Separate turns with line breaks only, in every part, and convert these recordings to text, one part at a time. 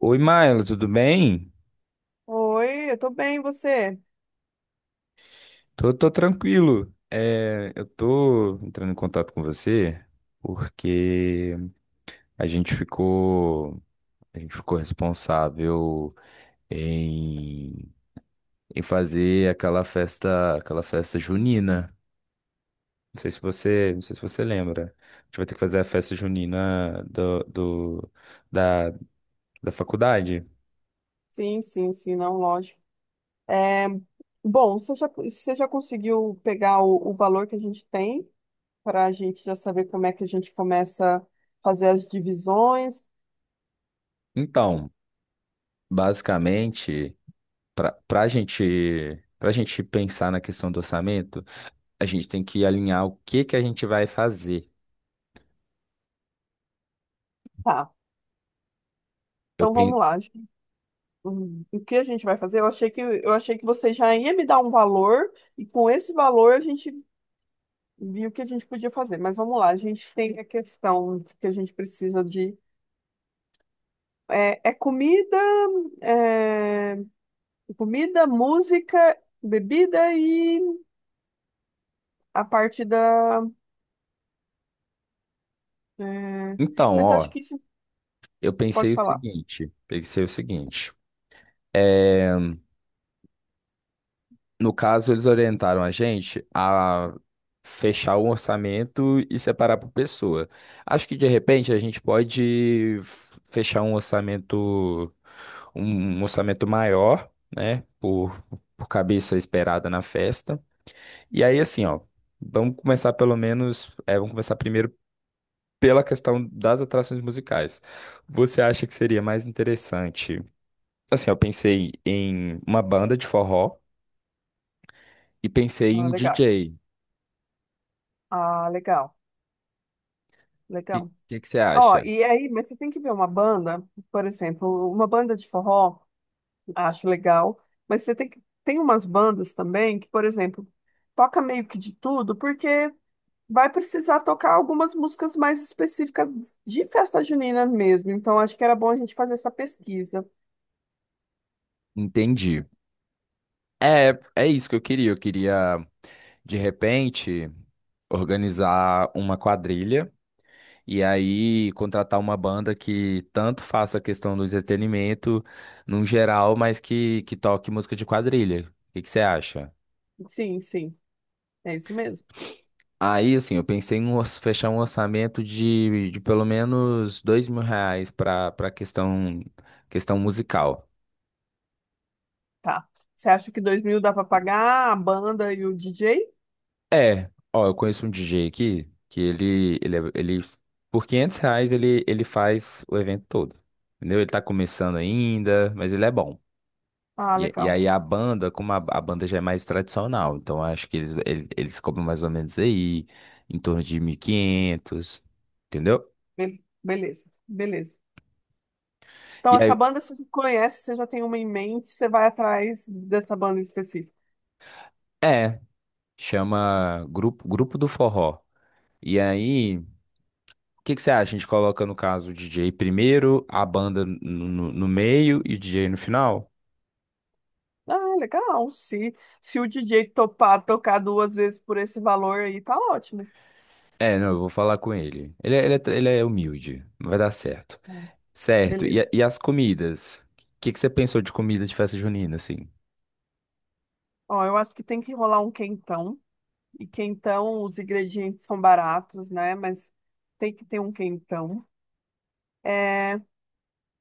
Oi, Maila, tudo bem?
Oi, eu tô bem, e você?
Tô tranquilo. É, eu tô entrando em contato com você porque a gente ficou, a gente ficou responsável em, em fazer aquela festa junina. Não sei se você lembra. A gente vai ter que fazer a festa junina da, da faculdade.
Sim, sim, sim, não, lógico. É, bom, você já conseguiu pegar o valor que a gente tem para a gente já saber como é que a gente começa a fazer as divisões?
Então, basicamente, para gente pensar na questão do orçamento a gente tem que alinhar o que que a gente vai fazer.
Tá,
Eu
então
pen...
vamos lá. O que a gente vai fazer? Eu achei que você já ia me dar um valor e com esse valor a gente viu o que a gente podia fazer. Mas vamos lá, a gente tem a questão de que a gente precisa de é comida, é, comida, música, bebida e a parte da. é,
Então,
Mas acho
ó,
que isso
eu
pode
pensei o
falar.
seguinte, pensei o seguinte. é, No caso, eles orientaram a gente a fechar o orçamento e separar por pessoa. Acho que de repente a gente pode fechar um orçamento, um um orçamento maior, né? Por cabeça esperada na festa. E aí, assim, ó, vamos começar pelo menos, é, vamos começar primeiro pela questão das atrações musicais. Você acha que seria mais interessante? Assim, eu pensei em uma banda de forró e pensei em
Ah,
um
legal.
DJ. O
Ah, legal.
que,
Legal.
que, que você
Ó,
acha?
e aí, mas você tem que ver uma banda, por exemplo, uma banda de forró, acho legal, mas você tem que. Tem umas bandas também que, por exemplo, toca meio que de tudo, porque vai precisar tocar algumas músicas mais específicas de festa junina mesmo. Então, acho que era bom a gente fazer essa pesquisa.
Entendi. É isso que eu queria. Eu queria, de repente, organizar uma quadrilha e aí contratar uma banda que tanto faça a questão do entretenimento num geral, mas que toque música de quadrilha. O que você acha?
Sim, sim. É isso mesmo.
Aí, assim, eu pensei em fechar um orçamento de pelo menos R$ 2.000 para questão musical.
Tá. Você acha que 2.000 dá para pagar a banda e o DJ?
É, ó, eu conheço um DJ aqui que ele por R$ 500 ele faz o evento todo, entendeu? Ele tá começando ainda, mas ele é bom.
Ah,
E
legal.
aí a banda, como a banda já é mais tradicional, então acho que eles cobram mais ou menos aí em torno de 1.500, entendeu?
Beleza, beleza. Então,
E
essa
aí,
banda você conhece, você já tem uma em mente, você vai atrás dessa banda em específico.
é. Chama Grupo do Forró. E aí, o que que você acha? A gente coloca, no caso, o DJ primeiro, a banda no meio e o DJ no final?
Ah, legal. Se o DJ topar tocar duas vezes por esse valor aí, tá ótimo.
É, não, eu vou falar com ele. Ele é humilde, não vai dar certo.
Hum,
Certo, e, a-
Beleza.
e as comidas? O que que você pensou de comida de festa junina, assim?
Ó, eu acho que tem que rolar um quentão. E quentão, os ingredientes são baratos, né? Mas tem que ter um quentão. É,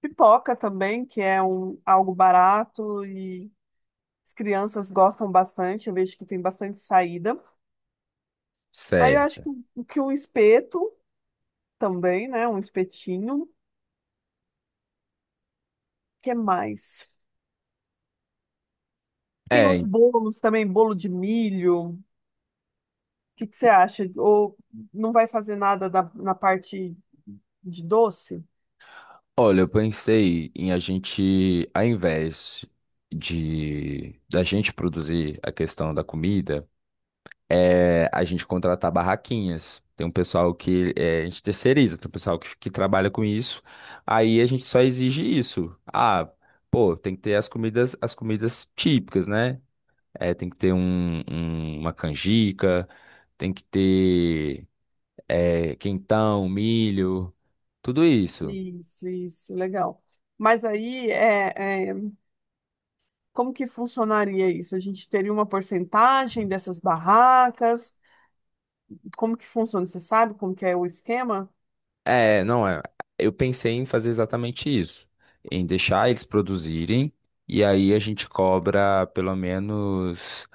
Pipoca também, que é um, algo barato e as crianças gostam bastante, eu vejo que tem bastante saída. Aí eu acho
Certo.
que, um espeto também, né? Um espetinho. O que é mais? Tem os
É,
bolos também, bolo de milho. O que que você acha? Ou não vai fazer nada na parte de doce?
olha, eu pensei em a gente, ao invés de da gente produzir a questão da comida, a gente contratar barraquinhas. Tem um pessoal a gente terceiriza, tem um pessoal que trabalha com isso. Aí a gente só exige isso. Ah, pô, tem que ter as comidas, típicas, né? É, tem que ter uma canjica, tem que ter quentão, milho, tudo isso.
Isso, legal. Mas aí como que funcionaria isso? A gente teria uma porcentagem dessas barracas? Como que funciona? Você sabe como que é o esquema?
É, não é. Eu pensei em fazer exatamente isso, em deixar eles produzirem e aí a gente cobra pelo menos.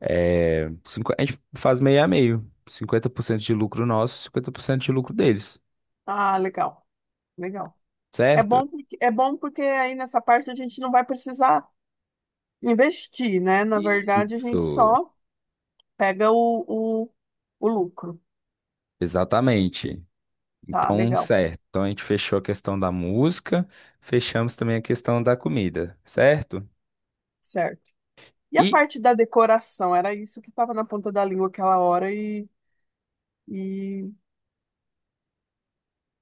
A gente faz meio a meio. 50% de lucro nosso, 50% de lucro deles,
Ah, legal, legal. É bom
certo?
porque, é bom porque aí nessa parte a gente não vai precisar investir, né? Na verdade, a gente
Isso,
só pega o lucro.
exatamente.
Tá,
Então,
legal,
certo. Então a gente fechou a questão da música, fechamos também a questão da comida, certo?
certo. E a
E
parte da decoração? Era isso que estava na ponta da língua aquela hora e o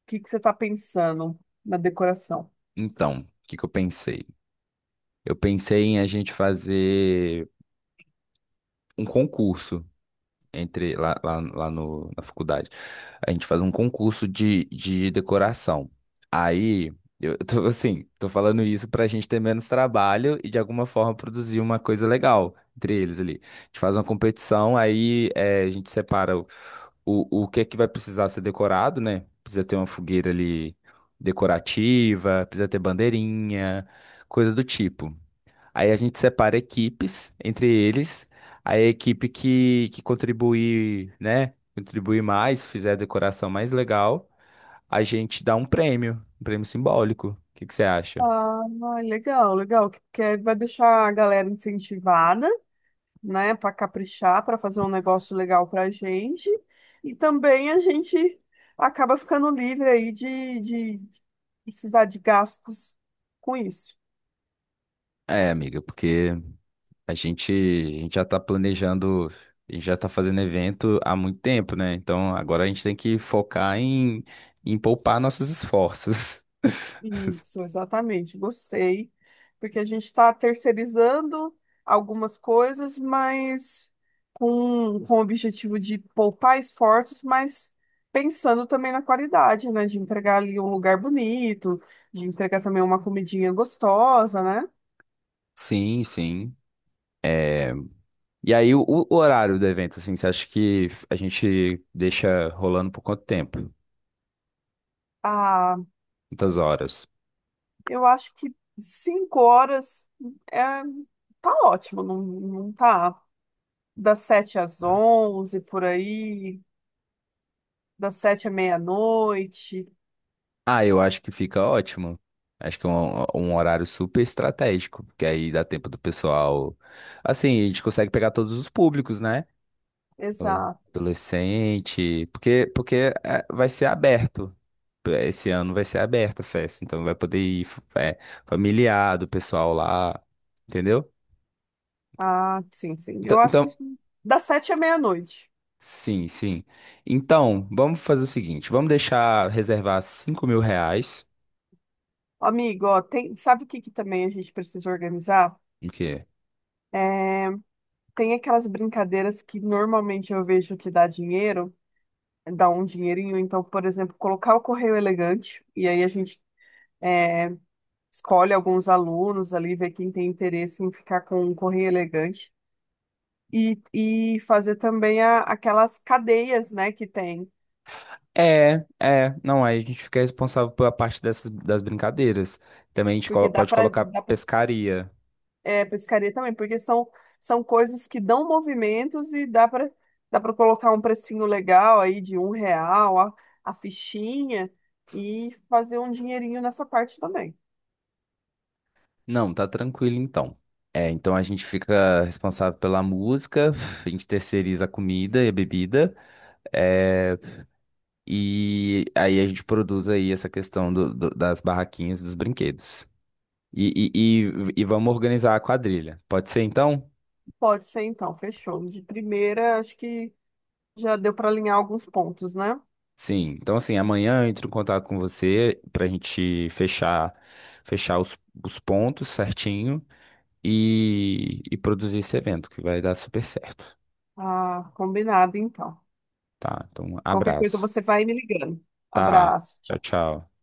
que que você está pensando na decoração?
então, o que que eu pensei? Eu pensei em a gente fazer um concurso entre lá, lá, lá no, na faculdade. A gente faz um concurso de decoração. Aí, eu tô assim, tô falando isso pra gente ter menos trabalho e de alguma forma produzir uma coisa legal entre eles ali. A gente faz uma competição, aí a gente separa o que é que vai precisar ser decorado, né? Precisa ter uma fogueira ali decorativa, precisa ter bandeirinha, coisa do tipo. Aí a gente separa equipes entre eles. Aí a equipe que contribuir, né? Contribuir mais, fizer a decoração mais legal, a gente dá um prêmio simbólico. O que que você acha?
Ah, legal, legal, que vai deixar a galera incentivada, né, para caprichar, para fazer um negócio legal para a gente. E também a gente acaba ficando livre aí de precisar de gastos com isso.
É, amiga, porque a gente já tá planejando, a gente já tá fazendo evento há muito tempo, né? Então agora a gente tem que focar em poupar nossos esforços.
Isso, exatamente. Gostei, porque a gente está terceirizando algumas coisas, mas com o objetivo de poupar esforços, mas pensando também na qualidade, né? De entregar ali um lugar bonito, de entregar também uma comidinha gostosa, né?
Sim, sim. É, E aí, o horário do evento, assim, você acha que a gente deixa rolando por quanto tempo?
Ah,
Quantas horas?
eu acho que 5 horas é, tá ótimo, não, não tá? Das 7 às 11, por aí, das 7 à meia-noite.
Ah, eu acho que fica ótimo. Acho que é um horário super estratégico, porque aí dá tempo do pessoal. Assim, a gente consegue pegar todos os públicos, né?
Exato.
Adolescente, porque vai ser aberto. Esse ano vai ser aberta a festa, então vai poder ir é, familiar do pessoal lá, entendeu?
Ah, sim, sim.
Então,
Eu acho que
então,
sim. Das 7 à meia-noite.
sim, sim. Então, vamos fazer o seguinte: vamos deixar reservar R$ 5.000.
Amigo, ó, tem, sabe o que que também a gente precisa organizar?
O quê?
Tem aquelas brincadeiras que normalmente eu vejo que dá dinheiro, dá um dinheirinho. Então, por exemplo, colocar o correio elegante, e aí a gente. eh, Escolhe alguns alunos ali, vê quem tem interesse em ficar com um correio elegante e fazer também aquelas cadeias, né, que tem,
É, não, aí a gente fica responsável pela parte das brincadeiras. Também a gente
porque dá
pode
para
colocar
dá pra,
pescaria.
pescaria também, porque são coisas que dão movimentos e dá para colocar um precinho legal aí de 1 real a fichinha e fazer um dinheirinho nessa parte também.
Não, tá tranquilo então. É, então a gente fica responsável pela música, a gente terceiriza a comida e a bebida, é, e aí a gente produz aí essa questão das barraquinhas, dos brinquedos. E vamos organizar a quadrilha. Pode ser então?
Pode ser então, fechou. De primeira, acho que já deu para alinhar alguns pontos, né?
Sim, então assim, amanhã eu entro em contato com você pra gente fechar os pontos certinho e produzir esse evento que vai dar super certo,
Ah, combinado então.
tá? Então, um
Qualquer coisa
abraço,
você vai me ligando.
tá?
Abraço.
Tchau,
Tchau.
tchau.